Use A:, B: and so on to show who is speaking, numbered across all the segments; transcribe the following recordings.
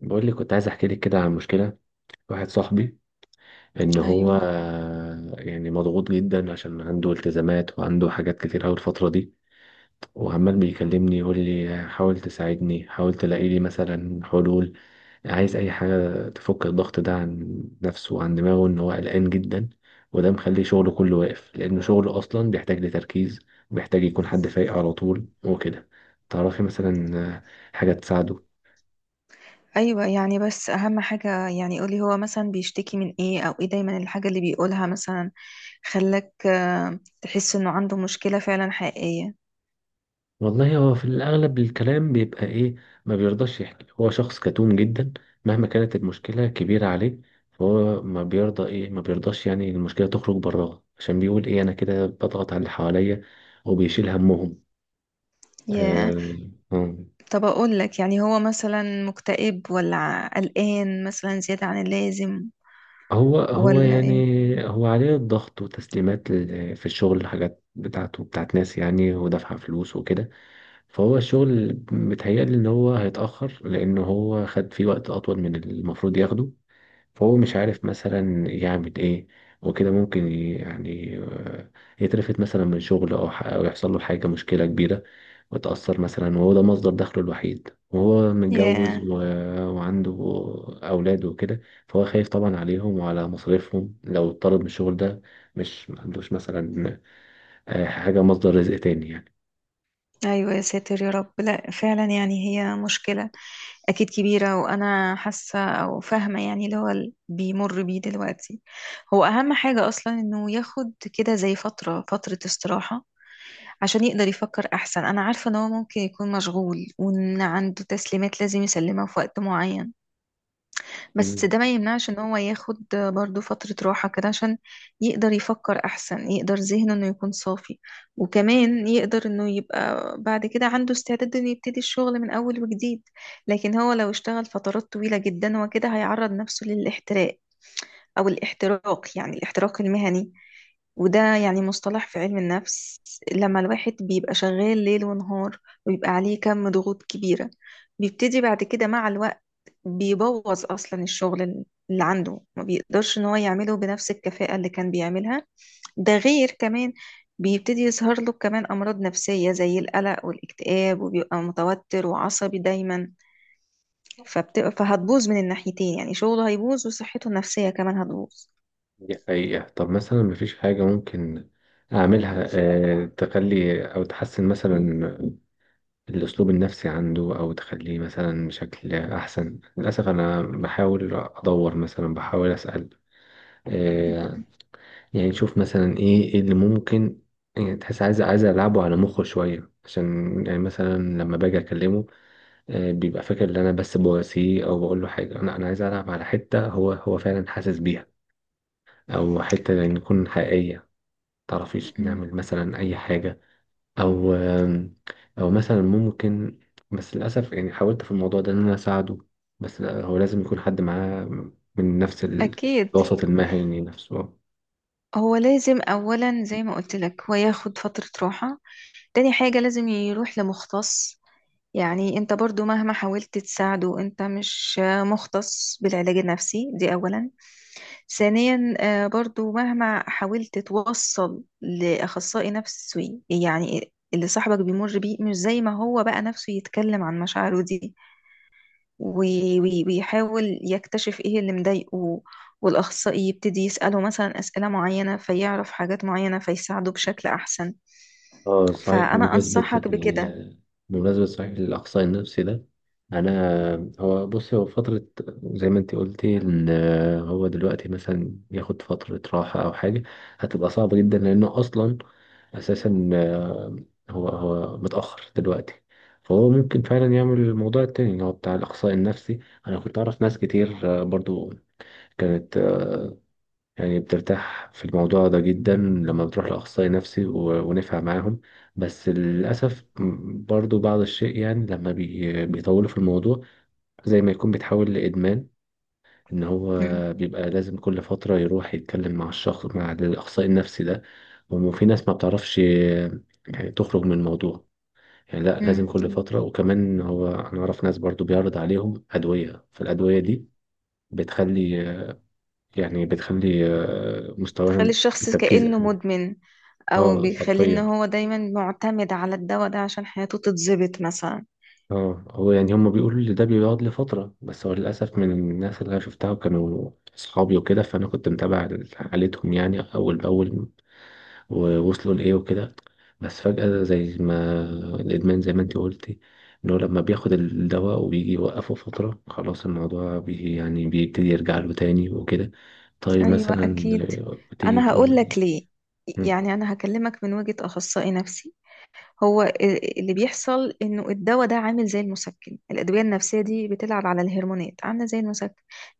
A: بقول لك كنت عايز احكي لك كده عن مشكله واحد صاحبي، ان هو
B: ايوه
A: يعني مضغوط جدا عشان عنده التزامات وعنده حاجات كتير قوي الفتره دي. وعمال بيكلمني يقول لي حاول تساعدني، حاول تلاقي لي مثلا حلول. عايز اي حاجه تفك الضغط ده عن نفسه وعن دماغه، ان هو قلقان جدا. وده مخلي شغله كله واقف لان شغله اصلا بيحتاج لتركيز، بيحتاج يكون حد فايق على طول وكده. تعرفي مثلا حاجه تساعده.
B: ايوه يعني بس اهم حاجه، يعني قولي هو مثلا بيشتكي من ايه؟ او ايه دايما الحاجه اللي بيقولها مثلا؟ خلاك تحس انه عنده مشكله فعلا حقيقيه.
A: والله هو في الأغلب الكلام بيبقى إيه، ما بيرضاش يحكي، هو شخص كتوم جدا مهما كانت المشكلة كبيرة عليه. فهو ما بيرضى إيه، ما بيرضاش يعني المشكلة تخرج براها، عشان بيقول إيه، أنا كده بضغط على اللي حواليا وبيشيل همهم.
B: ياه.
A: آه. آه.
B: طب اقول لك، يعني هو مثلا مكتئب ولا قلقان مثلا زياده عن اللازم
A: هو
B: ولا
A: يعني
B: ايه؟
A: هو عليه الضغط وتسليمات في الشغل، حاجات بتاعته بتاعت ناس يعني، ودافعة فلوس وكده. فهو الشغل متهيألي إن هو هيتأخر، لأن هو خد فيه وقت أطول من المفروض ياخده. فهو مش عارف مثلا يعمل ايه وكده، ممكن يعني يترفد مثلا من شغل، او أو يحصل له حاجة، مشكلة كبيرة. وتأثر مثلا، وهو ده مصدر دخله الوحيد وهو متجوز
B: ياه.
A: و وعنده أولاد وكده. فهو خايف طبعا عليهم وعلى مصاريفهم لو اتطرد من الشغل ده. مش ما عندوش مثلا حاجة مصدر رزق تاني يعني.
B: ايوه، يا ساتر يا رب. لا فعلا، يعني هي مشكلة اكيد كبيرة، وانا حاسة او فاهمة يعني اللي هو بيمر بيه دلوقتي. هو اهم حاجة اصلا انه ياخد كده زي فترة استراحة عشان يقدر يفكر احسن. انا عارفة ان هو ممكن يكون مشغول وان عنده تسليمات لازم يسلمها في وقت معين، بس
A: مم.
B: ده ما يمنعش ان هو ياخد برضو فترة راحة كده عشان يقدر يفكر احسن، يقدر ذهنه انه يكون صافي، وكمان يقدر انه يبقى بعد كده عنده استعداد انه يبتدي الشغل من اول وجديد. لكن هو لو اشتغل فترات طويلة جدا، هو كده هيعرض نفسه للاحتراق، او الاحتراق يعني الاحتراق المهني. وده يعني مصطلح في علم النفس، لما الواحد بيبقى شغال ليل ونهار ويبقى عليه كم ضغوط كبيرة، بيبتدي بعد كده مع الوقت بيبوظ اصلا الشغل اللي عنده، ما بيقدرش ان هو يعمله بنفس الكفاءة اللي كان بيعملها. ده غير كمان بيبتدي يظهر له كمان امراض نفسية زي القلق والاكتئاب، وبيبقى متوتر وعصبي دايما. فهتبوظ من الناحيتين، يعني شغله هيبوظ وصحته النفسية كمان هتبوظ.
A: دي حقيقة. طب مثلا مفيش حاجة ممكن أعملها تخلي أو تحسن مثلا الأسلوب النفسي عنده، أو تخليه مثلا بشكل أحسن؟ للأسف أنا بحاول أدور مثلا، بحاول أسأل، آه، يعني نشوف مثلا إيه إيه اللي ممكن، يعني تحس عايز، عايز ألعبه على مخه شوية. عشان يعني مثلا لما باجي أكلمه، بيبقى فاكر إن أنا بس بواسيه أو بقول له حاجة. أنا عايز ألعب على حتة هو فعلا حاسس بيها، أو حتة يعني تكون حقيقية. متعرفيش
B: مم.
A: نعمل مثلا أي حاجة؟ او، او مثلا ممكن، بس للاسف يعني حاولت في الموضوع ده ان انا اساعده. بس لا، هو لازم يكون حد معاه من نفس
B: أكيد.
A: الوسط المهني نفسه.
B: هو لازم أولا زي ما قلت لك هو ياخد فترة راحة. تاني حاجة لازم يروح لمختص. يعني انت برضو مهما حاولت تساعده، انت مش مختص بالعلاج النفسي، دي اولا. ثانيا برضو مهما حاولت توصل لاخصائي نفسي، يعني اللي صاحبك بيمر بيه مش زي ما هو بقى نفسه يتكلم عن مشاعره دي، ويحاول يكتشف ايه اللي مضايقه، والاخصائي يبتدي يساله مثلا اسئله معينه، فيعرف حاجات معينه فيساعده بشكل احسن.
A: اه صحيح،
B: فانا
A: بمناسبة
B: انصحك بكده.
A: ال بمناسبة صحيح الإقصاء النفسي ده، أنا، هو بص، هو فترة، زي ما أنت قلتي إن هو دلوقتي مثلا ياخد فترة راحة أو حاجة هتبقى صعبة جدا، لأنه أصلا أساسا هو متأخر دلوقتي. فهو ممكن فعلا يعمل الموضوع التاني اللي هو بتاع الإقصاء النفسي. أنا كنت أعرف ناس كتير برضو كانت يعني بترتاح في الموضوع ده جدا لما بتروح لأخصائي نفسي، ونفع معاهم. بس للأسف برضو بعض الشيء، يعني لما بيطولوا في الموضوع زي ما يكون بيتحول لإدمان. إن هو
B: مم.
A: بيبقى لازم كل فترة يروح يتكلم مع الشخص، مع الأخصائي النفسي ده. وفي ناس ما بتعرفش يعني تخرج من الموضوع، يعني لا، لازم كل فترة. وكمان هو، أنا أعرف ناس برضو بيعرض عليهم أدوية، فالأدوية دي بتخلي يعني بتخلي
B: تخلي
A: مستواهم في
B: الشخص
A: التركيز
B: كأنه
A: أقل.
B: مدمن، او
A: اه
B: بيخليه ان
A: حرفيا.
B: هو دايما معتمد على الدواء ده عشان حياته تتظبط مثلا.
A: اه هو يعني هم بيقولوا ان ده بيقعد لفترة، بس هو للأسف من الناس اللي أنا شفتها وكانوا أصحابي وكده، فأنا كنت متابع حالتهم يعني أول بأول ووصلوا لإيه وكده. بس فجأة زي ما الإدمان، زي ما أنت قلتي، إن هو لما بياخد الدواء وبيجي يوقفه فترة، خلاص الموضوع يعني بيبتدي يرجع له تاني وكده. طيب
B: ايوه
A: مثلا
B: اكيد.
A: بتيجي
B: انا هقول
A: تقول.
B: لك ليه.
A: مم.
B: يعني انا هكلمك من وجهة اخصائي نفسي. هو اللي بيحصل انه الدواء ده عامل زي المسكن. الادويه النفسيه دي بتلعب على الهرمونات، عامله زي المسكن.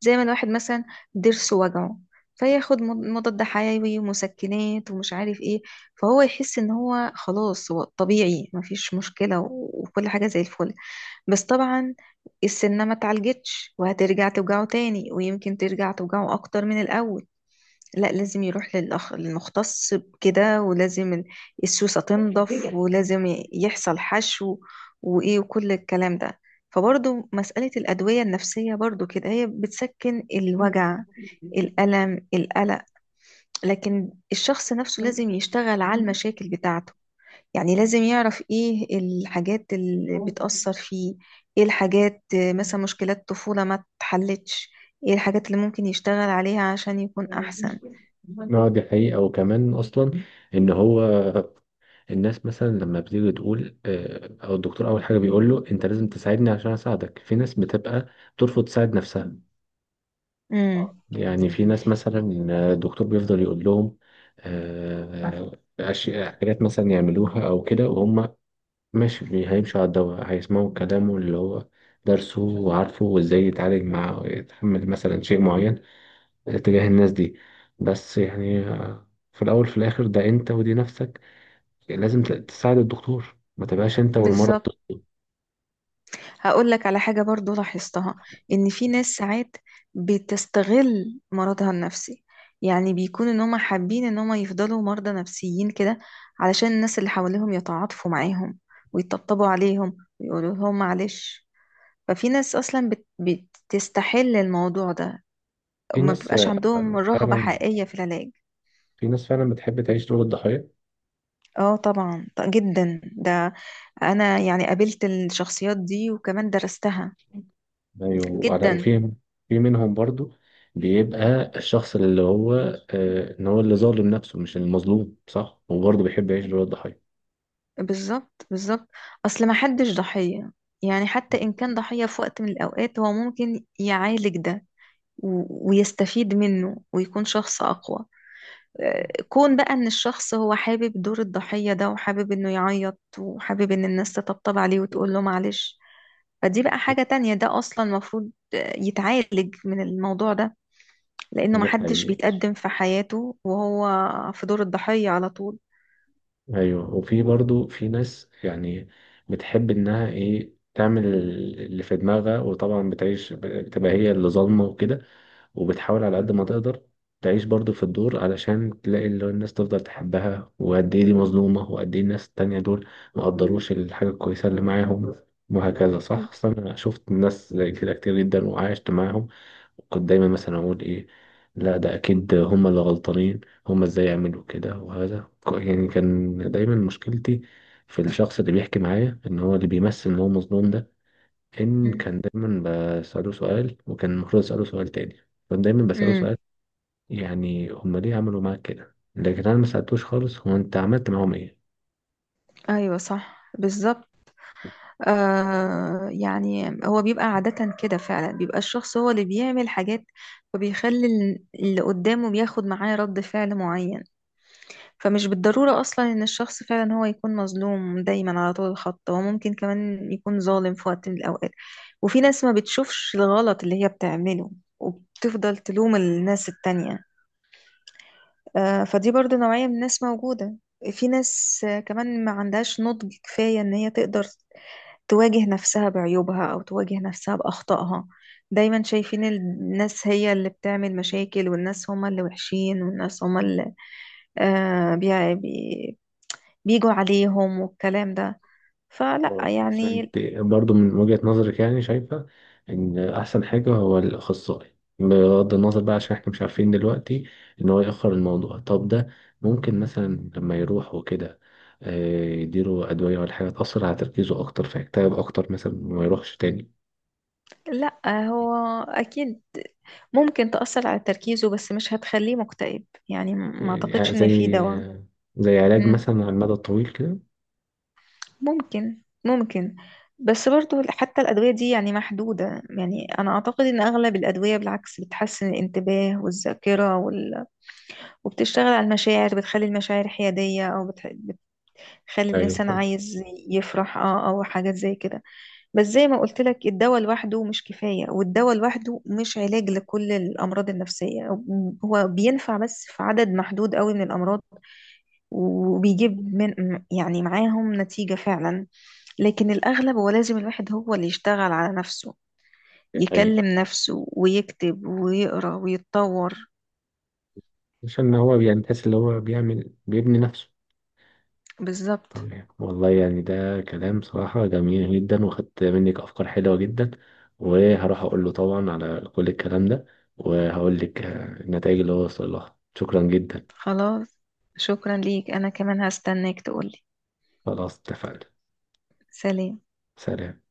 B: زي ما الواحد مثلا ضرسه وجعه، فياخد مضاد حيوي ومسكنات ومش عارف ايه، فهو يحس ان هو خلاص هو طبيعي، مفيش مشكله وكل حاجه زي الفل. بس طبعا السنه ما اتعالجتش، وهترجع توجعه تاني، ويمكن ترجع توجعه اكتر من الاول. لا، لازم يروح للمختص بكده، ولازم السوسة تنضف، ولازم يحصل حشو وإيه وكل الكلام ده. فبرضو مسألة الأدوية النفسية برضو كده هي بتسكن الوجع، الألم، القلق، لكن الشخص نفسه لازم يشتغل على المشاكل بتاعته. يعني لازم يعرف إيه الحاجات اللي بتأثر فيه، إيه الحاجات مثلا مشكلات طفولة ما اتحلتش، إيه الحاجات اللي ممكن يشتغل عليها عشان يكون أحسن.
A: اه دي حقيقة. وكمان أصلا إن هو الناس مثلا لما بتيجي تقول او الدكتور اول حاجه بيقول له انت لازم تساعدني عشان اساعدك، في ناس بتبقى ترفض تساعد نفسها.
B: مم.
A: يعني في ناس مثلا الدكتور بيفضل يقول لهم آه، أشياء، حاجات مثلا يعملوها او كده، وهم ماشي هيمشوا على الدواء، هيسمعوا كلامه اللي هو درسه وعارفه، وازاي يتعالج، مع يتحمل مثلا شيء معين تجاه الناس دي. بس يعني في الاول في الاخر ده انت ودي نفسك، يعني لازم تساعد الدكتور، ما تبقاش انت والمرض
B: بالظبط.
A: ضده.
B: هقول لك على حاجة برضو لاحظتها، ان في ناس ساعات بتستغل مرضها النفسي. يعني بيكون ان هم حابين ان هم يفضلوا مرضى نفسيين كده علشان الناس اللي حواليهم يتعاطفوا معاهم ويطبطبوا عليهم ويقولوا لهم معلش. ففي ناس اصلا بتستحل الموضوع ده،
A: في
B: وما
A: ناس
B: بيبقاش عندهم رغبة
A: فعلا،
B: حقيقية في العلاج.
A: في ناس فعلا بتحب تعيش دور الضحية.
B: اه طبعا، جدا ده. انا يعني قابلت الشخصيات دي وكمان درستها.
A: ايوه
B: جدا.
A: وفي، في منهم برضو بيبقى الشخص اللي هو ان هو اللي ظالم نفسه مش المظلوم صح، وبرضه بيحب يعيش دور الضحية.
B: بالظبط بالظبط. اصل ما حدش ضحية، يعني حتى ان كان ضحية في وقت من الاوقات، هو ممكن يعالج ده ويستفيد منه ويكون شخص اقوى. كون بقى ان الشخص هو حابب دور الضحية ده، وحابب انه يعيط، وحابب ان الناس تطبطب عليه وتقول له معلش، فدي بقى حاجة تانية. ده اصلا المفروض يتعالج من الموضوع ده، لانه ما
A: دي
B: حدش
A: حقيقة.
B: بيتقدم في حياته وهو في دور الضحية على طول.
A: ايوه وفي برضو في ناس يعني بتحب انها ايه، تعمل اللي في دماغها، وطبعا بتعيش، بتبقى هي اللي ظالمه وكده، وبتحاول على قد ما تقدر تعيش برضو في الدور، علشان تلاقي اللي هو الناس تفضل تحبها، وقد ايه دي مظلومة، وقد ايه الناس التانية دول مقدروش الحاجة الكويسة اللي معاهم، وهكذا. صح، أصل أنا شفت ناس زي كده كتير جدا وعايشت معاهم. كنت دايما مثلا اقول ايه، لا ده اكيد هما اللي غلطانين، هما ازاي يعملوا كده. وهذا يعني كان دايما مشكلتي في الشخص اللي بيحكي معايا ان هو اللي بيمثل ان هو مظلوم ده، ان
B: مم.
A: كان دايما بسأله سؤال وكان المفروض اسأله سؤال تاني. كنت دايما بسأله
B: امم.
A: سؤال يعني هما ليه عملوا معاك كده، لكن انا ما سألتوش خالص هو انت عملت معاهم ايه.
B: ايوه صح بالظبط. آه يعني هو بيبقى عادة كده فعلا، بيبقى الشخص هو اللي بيعمل حاجات، فبيخلي اللي قدامه بياخد معاه رد فعل معين. فمش بالضرورة أصلا إن الشخص فعلا هو يكون مظلوم دايما على طول الخط، هو ممكن كمان يكون ظالم في وقت من الأوقات. وفي ناس ما بتشوفش الغلط اللي هي بتعمله، وبتفضل تلوم الناس التانية. آه، فدي برضو نوعية من الناس موجودة. في ناس كمان ما عندهاش نضج كفاية إن هي تقدر تواجه نفسها بعيوبها أو تواجه نفسها بأخطائها. دايما شايفين الناس هي اللي بتعمل مشاكل، والناس هما اللي وحشين، والناس هما اللي آه بي بي بيجوا عليهم والكلام ده. فلا
A: آه. بس
B: يعني.
A: انت برضو من وجهة نظرك يعني شايفة ان احسن حاجة هو الاخصائي، بغض النظر بقى عشان احنا مش عارفين دلوقتي ان هو يأخر الموضوع. طب ده ممكن مثلا لما يروح وكده يديله ادوية ولا حاجة تأثر على تركيزه اكتر، فيكتئب اكتر مثلا وما يروحش تاني؟
B: لا هو أكيد ممكن تأثر على تركيزه، بس مش هتخليه مكتئب، يعني ما
A: يعني
B: أعتقدش إن في دواء.
A: زي، زي علاج
B: مم.
A: مثلا على المدى الطويل كده.
B: ممكن ممكن. بس برضو حتى الأدوية دي يعني محدودة، يعني أنا أعتقد إن أغلب الأدوية بالعكس بتحسن الانتباه والذاكرة وبتشتغل على المشاعر، بتخلي المشاعر حيادية أو بتخلي
A: ايوه
B: الإنسان
A: فاهم.
B: عايز يفرح أه أو حاجات زي كده. بس زي ما قلت لك، الدواء لوحده مش كفاية، والدواء لوحده مش علاج لكل الأمراض النفسية. هو بينفع بس في عدد محدود قوي من الأمراض، وبيجيب من، يعني معاهم نتيجة فعلا، لكن الأغلب هو لازم الواحد هو اللي يشتغل على نفسه،
A: ايوه
B: يكلم نفسه ويكتب ويقرأ ويتطور.
A: عشان هو يعني تحس اللي هو بيعمل بيبني نفسه.
B: بالظبط.
A: تمام. والله يعني ده كلام صراحة جميل جدا، وخدت منك أفكار حلوة جدا. وهروح أقول له طبعا على كل الكلام ده، وهقول لك النتائج اللي هو وصل لها. شكرا جدا.
B: خلاص، شكرا ليك. أنا كمان هستناك تقولي.
A: خلاص اتفقنا
B: سلام.
A: سلام